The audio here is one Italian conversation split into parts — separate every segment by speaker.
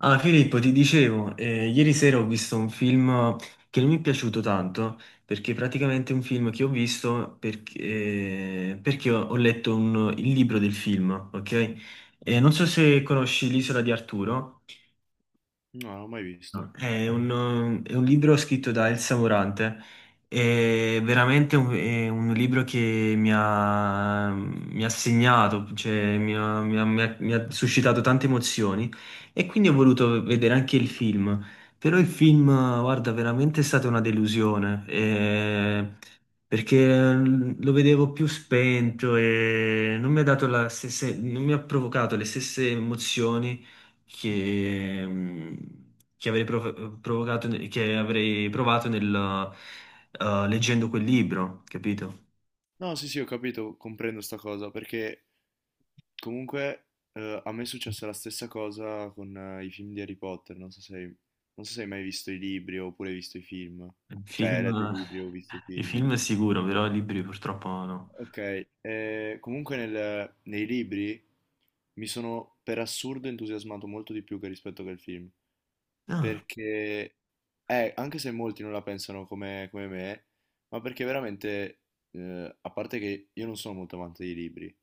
Speaker 1: Ah, Filippo, ti dicevo, ieri sera ho visto un film che non mi è piaciuto tanto, perché praticamente è un film che ho visto perché ho letto il libro del film, ok? Non so se conosci L'isola di Arturo.
Speaker 2: No, non l'ho mai visto.
Speaker 1: No. È un libro scritto da Elsa Morante. È un libro che mi ha segnato, cioè mi ha suscitato tante emozioni e quindi ho voluto vedere anche il film. Però il film, guarda, veramente è stata una delusione, perché lo vedevo più spento e non mi ha dato la stessa, non mi ha provocato le stesse emozioni che, che avrei provocato, che avrei provato nel leggendo quel libro, capito?
Speaker 2: No, sì, sì, ho capito, comprendo sta cosa, perché comunque a me è successa la stessa cosa con i film di Harry Potter, non so se, non so se hai mai visto i libri oppure hai visto i film,
Speaker 1: Il
Speaker 2: cioè hai letto i
Speaker 1: film,
Speaker 2: libri o visto i
Speaker 1: i
Speaker 2: film.
Speaker 1: film è sicuro, però i libri purtroppo no.
Speaker 2: Ok, comunque nei libri mi sono per assurdo entusiasmato molto di più che rispetto che al film,
Speaker 1: Ah,
Speaker 2: perché anche se molti non la pensano come, come me, ma perché veramente, a parte che io non sono molto amante dei libri,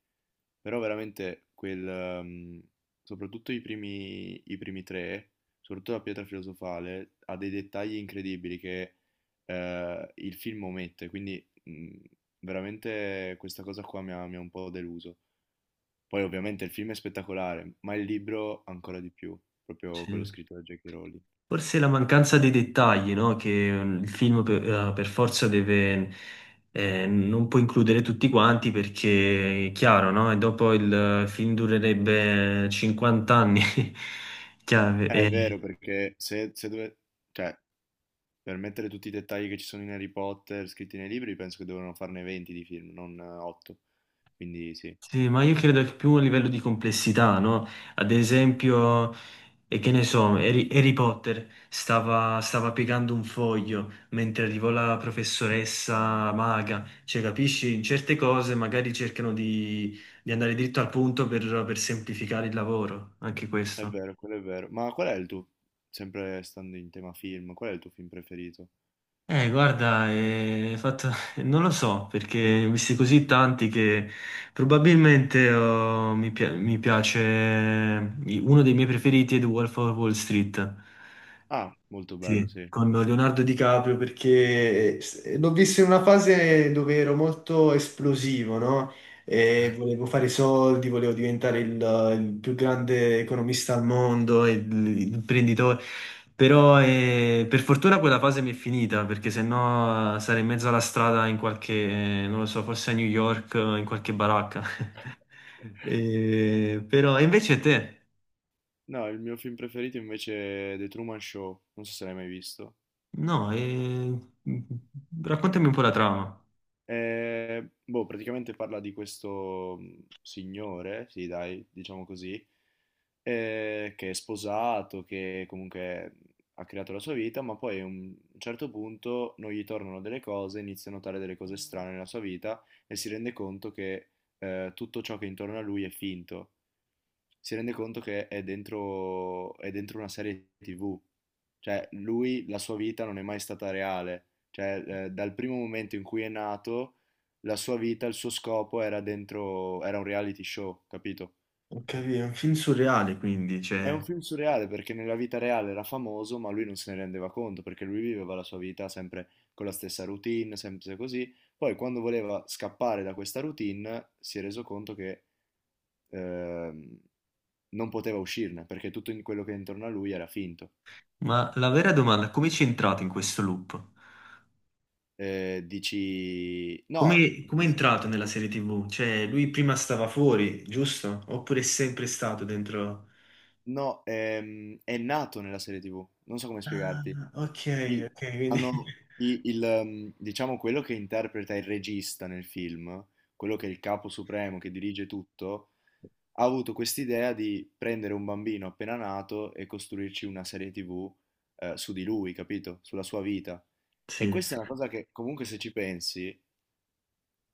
Speaker 2: però veramente quel, soprattutto i primi tre, soprattutto la pietra filosofale, ha dei dettagli incredibili che il film omette, quindi veramente questa cosa qua mi ha un po' deluso. Poi ovviamente il film è spettacolare, ma il libro ancora di più, proprio quello
Speaker 1: sì.
Speaker 2: scritto da J.K. Rowling.
Speaker 1: Forse la mancanza dei dettagli, no? Che il film per forza deve, non può includere tutti quanti perché è chiaro, no? E dopo il film durerebbe 50 anni. Chiaro,
Speaker 2: È vero, perché se cioè, per mettere tutti i dettagli che ci sono in Harry Potter scritti nei libri, penso che dovevano farne 20 di film, non 8. Quindi sì.
Speaker 1: sì, ma io credo che più a livello di complessità, no? Ad esempio. E che ne so, Harry Potter stava piegando un foglio mentre arrivò la professoressa maga. Cioè, capisci? In certe cose magari cercano di andare dritto al punto per semplificare il lavoro, anche
Speaker 2: È
Speaker 1: questo.
Speaker 2: vero, quello è vero. Ma qual è il tuo, sempre stando in tema film, qual è il tuo film preferito?
Speaker 1: Guarda, non lo so, perché ne ho visti così tanti che probabilmente oh, mi piace. Uno dei miei preferiti è The Wolf of Wall Street.
Speaker 2: Ah, molto bello,
Speaker 1: Sì,
Speaker 2: sì.
Speaker 1: con Leonardo DiCaprio perché l'ho visto in una fase dove ero molto esplosivo, no? E volevo fare i soldi, volevo diventare il più grande economista al mondo, il imprenditore. Però per fortuna quella fase mi è finita, perché sennò sarei in mezzo alla strada in qualche, non lo so, forse a New York, in qualche baracca. Però, e invece te?
Speaker 2: No, il mio film preferito invece è The Truman Show, non so se l'hai mai visto.
Speaker 1: No, raccontami un po' la trama.
Speaker 2: Boh, praticamente parla di questo signore, sì, dai, diciamo così, che è sposato, che comunque ha creato la sua vita, ma poi a un certo punto non gli tornano delle cose, inizia a notare delle cose strane nella sua vita e si rende conto che tutto ciò che è intorno a lui è finto. Si rende conto che è dentro una serie TV. Cioè, lui, la sua vita non è mai stata reale. Cioè, dal primo momento in cui è nato, la sua vita, il suo scopo era dentro, era un reality show, capito?
Speaker 1: Ho capito, è un film surreale quindi,
Speaker 2: È
Speaker 1: cioè.
Speaker 2: un film surreale perché nella vita reale era famoso, ma lui non se ne rendeva conto perché lui viveva la sua vita sempre con la stessa routine, sempre così. Poi, quando voleva scappare da questa routine, si è reso conto che ehm, non poteva uscirne perché quello che è intorno a lui era finto.
Speaker 1: Ma la vera domanda è come ci è entrato in questo loop?
Speaker 2: Dici, no,
Speaker 1: Come è entrato nella serie TV? Cioè, lui prima stava fuori, giusto? Oppure è sempre stato dentro.
Speaker 2: no, è nato nella serie TV, non so come
Speaker 1: Ah,
Speaker 2: spiegarti.
Speaker 1: ok,
Speaker 2: Il-
Speaker 1: ok, quindi.
Speaker 2: hanno i- il, ehm, diciamo quello che interpreta il regista nel film, quello che è il capo supremo che dirige tutto, ha avuto quest'idea di prendere un bambino appena nato e costruirci una serie TV su di lui, capito? Sulla sua vita. E
Speaker 1: Sì,
Speaker 2: questa è una cosa che comunque se ci pensi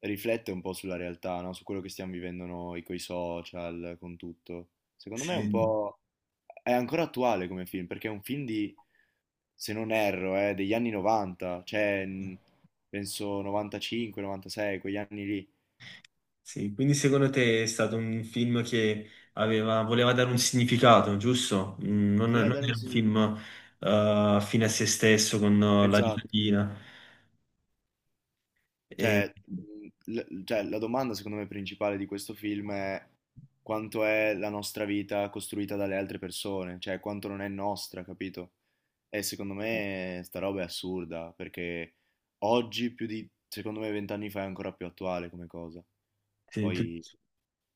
Speaker 2: riflette un po' sulla realtà, no? Su quello che stiamo vivendo noi, con i social, con tutto. Secondo me è un
Speaker 1: sì.
Speaker 2: po' è ancora attuale come film, perché è un film di, se non erro, degli anni 90, cioè penso 95, 96, quegli anni lì.
Speaker 1: Sì, quindi secondo te è stato un film che aveva, voleva dare un significato, giusto? Mm, Non,
Speaker 2: Voleva
Speaker 1: non
Speaker 2: dare un
Speaker 1: era un
Speaker 2: significato.
Speaker 1: film, fine a se stesso con la
Speaker 2: Esatto.
Speaker 1: giratina. E.
Speaker 2: Cioè, cioè, la domanda secondo me principale di questo film è quanto è la nostra vita costruita dalle altre persone, cioè quanto non è nostra, capito? E secondo me sta roba è assurda, perché oggi più di, secondo me, 20 anni fa è ancora più attuale come cosa.
Speaker 1: Sì, tu-
Speaker 2: Poi...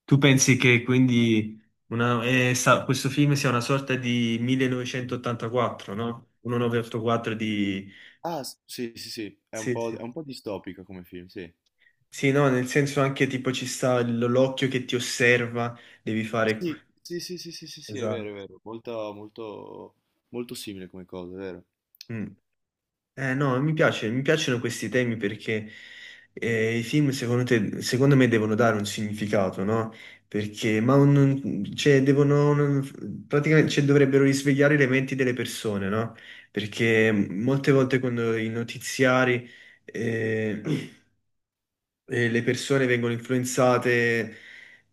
Speaker 1: Tu pensi che quindi questo film sia una sorta di 1984, no? 1984 di.
Speaker 2: Ah, sì, sì, sì,
Speaker 1: Sì, sì.
Speaker 2: è un po' distopica come film, sì.
Speaker 1: Sì, no, nel senso anche tipo ci sta l'occhio che ti osserva, devi fare.
Speaker 2: Sì, sì, sì, sì, sì, sì, sì,
Speaker 1: Esatto.
Speaker 2: è vero, molto, molto, molto simile come cosa, è vero.
Speaker 1: Mm. No, mi piace, mi piacciono questi temi perché i film secondo me devono dare un significato, no? Perché, ma cioè, devono, praticamente, cioè, dovrebbero risvegliare le menti delle persone, no? Perché molte volte quando i notiziari, eh, e le persone vengono influenzate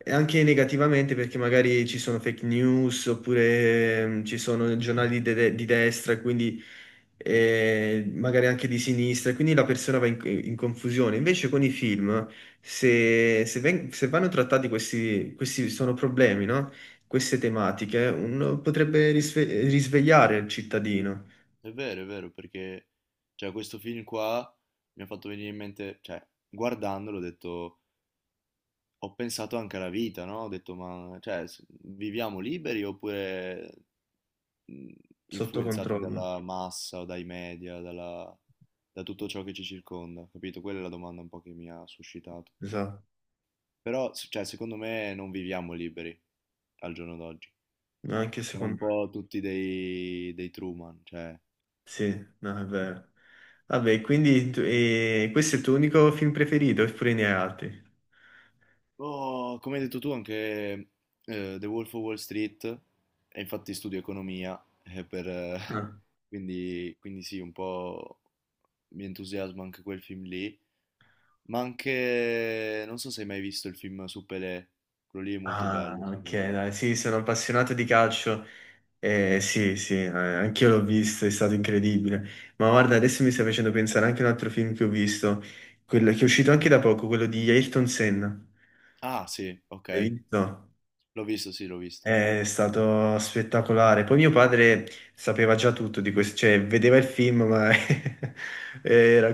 Speaker 1: anche negativamente perché magari ci sono fake news oppure ci sono giornali di destra e quindi magari anche di sinistra e quindi la persona va in confusione. Invece con i film, se vanno trattati questi, questi sono problemi, no? Queste tematiche, uno potrebbe risvegliare il cittadino
Speaker 2: È vero, è vero, perché cioè, questo film qua mi ha fatto venire in mente, cioè, guardandolo ho detto, ho pensato anche alla vita, no? Ho detto, ma cioè, viviamo liberi oppure mh,
Speaker 1: sotto
Speaker 2: influenzati
Speaker 1: controllo.
Speaker 2: dalla massa o dai media, da tutto ciò che ci circonda, capito? Quella è la domanda un po' che mi ha suscitato.
Speaker 1: Esatto,
Speaker 2: Però, cioè, secondo me non viviamo liberi al giorno d'oggi.
Speaker 1: anche
Speaker 2: Siamo
Speaker 1: secondo
Speaker 2: un
Speaker 1: me.
Speaker 2: po' tutti dei, dei Truman, cioè...
Speaker 1: Sì, no, è vero. Vabbè, quindi e questo è il tuo unico film preferito, oppure ne hai altri?
Speaker 2: Oh, come hai detto tu anche The Wolf of Wall Street, e infatti studio economia,
Speaker 1: Ah.
Speaker 2: quindi, quindi sì, un po' mi entusiasma anche quel film lì, ma anche, non so se hai mai visto il film su Pelé, quello lì è molto
Speaker 1: Ah,
Speaker 2: bello,
Speaker 1: ok,
Speaker 2: secondo me.
Speaker 1: dai, sì, sono appassionato di calcio. Sì, sì, anch'io l'ho visto, è stato incredibile. Ma guarda, adesso mi stai facendo pensare anche a un altro film che ho visto, quello che è uscito anche da poco, quello di Ayrton Senna.
Speaker 2: Ah sì,
Speaker 1: L'hai
Speaker 2: ok,
Speaker 1: visto?
Speaker 2: l'ho visto, sì, l'ho visto.
Speaker 1: È stato spettacolare. Poi mio padre sapeva già tutto di questo, cioè vedeva il film, ma era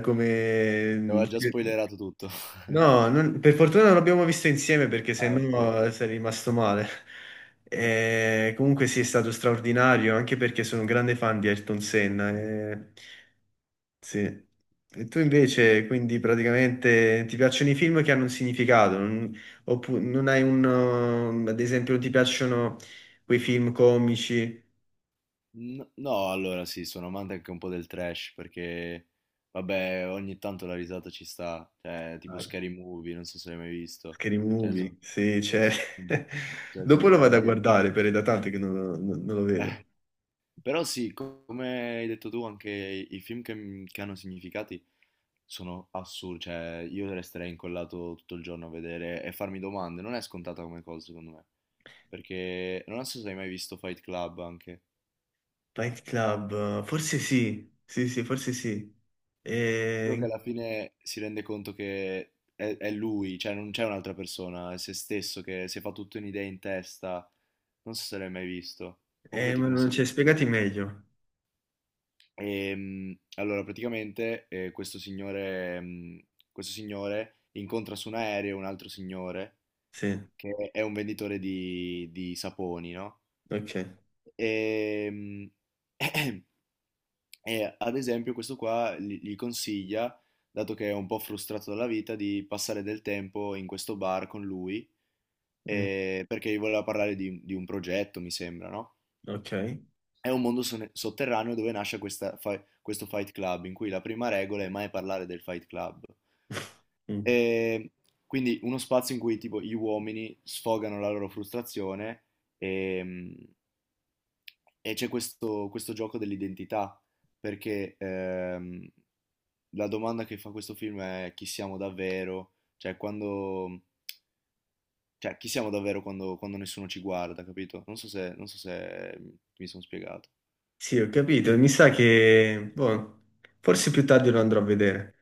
Speaker 2: Ti
Speaker 1: come.
Speaker 2: aveva già spoilerato tutto.
Speaker 1: No, per fortuna non l'abbiamo visto insieme perché
Speaker 2: Ah, ok.
Speaker 1: sennò sarei rimasto male. Comunque sì, è stato straordinario, anche perché sono un grande fan di Ayrton Senna. Eh, sì. E tu invece, quindi praticamente ti piacciono i film che hanno un significato. Oppure non hai ad esempio, non ti piacciono quei film comici.
Speaker 2: No, allora sì, sono amante anche un po' del trash perché, vabbè, ogni tanto la risata ci sta, cioè, tipo
Speaker 1: Dai.
Speaker 2: Scary Movie, non so se l'hai mai visto,
Speaker 1: Scary
Speaker 2: cioè, sono,
Speaker 1: Movie, sì, c'è.
Speaker 2: cioè, sono
Speaker 1: Dopo
Speaker 2: le
Speaker 1: lo vado a
Speaker 2: parodie.
Speaker 1: guardare, per è da tanto che non lo vedo.
Speaker 2: Eh, però sì, come hai detto tu, anche i film che, che hanno significati sono assurdi, cioè, io resterei incollato tutto il giorno a vedere e farmi domande, non è scontata come cosa, secondo me, perché non so se hai mai visto Fight Club anche.
Speaker 1: Fight Club, forse sì, sì, sì, forse sì.
Speaker 2: Quello che
Speaker 1: E.
Speaker 2: alla fine si rende conto che è lui, cioè non c'è un'altra persona, è se stesso che si fa tutto un'idea in testa. Non so se l'hai mai visto. Comunque ti
Speaker 1: Ma non
Speaker 2: consiglio
Speaker 1: c'è,
Speaker 2: anche quello.
Speaker 1: spiegati meglio.
Speaker 2: Allora, praticamente questo signore, questo signore incontra su un aereo un altro signore
Speaker 1: Sì,
Speaker 2: che è un venditore di saponi, no?
Speaker 1: ok,
Speaker 2: Ehm, E, E ad esempio questo qua gli consiglia, dato che è un po' frustrato dalla vita, di passare del tempo in questo bar con lui,
Speaker 1: mm,
Speaker 2: perché gli voleva parlare di un progetto, mi sembra, no?
Speaker 1: ok.
Speaker 2: È un mondo sotterraneo dove nasce questo Fight Club, in cui la prima regola è mai parlare del Fight Club.
Speaker 1: Mm.
Speaker 2: E quindi uno spazio in cui tipo gli uomini sfogano la loro frustrazione ehm, e, c'è questo, questo gioco dell'identità, perché la domanda che fa questo film è chi siamo davvero, cioè quando, cioè chi siamo davvero quando, quando nessuno ci guarda, capito? Non so se, non so se mi sono spiegato.
Speaker 1: Sì, ho capito, mi sa che, boh, forse più tardi lo andrò a vedere.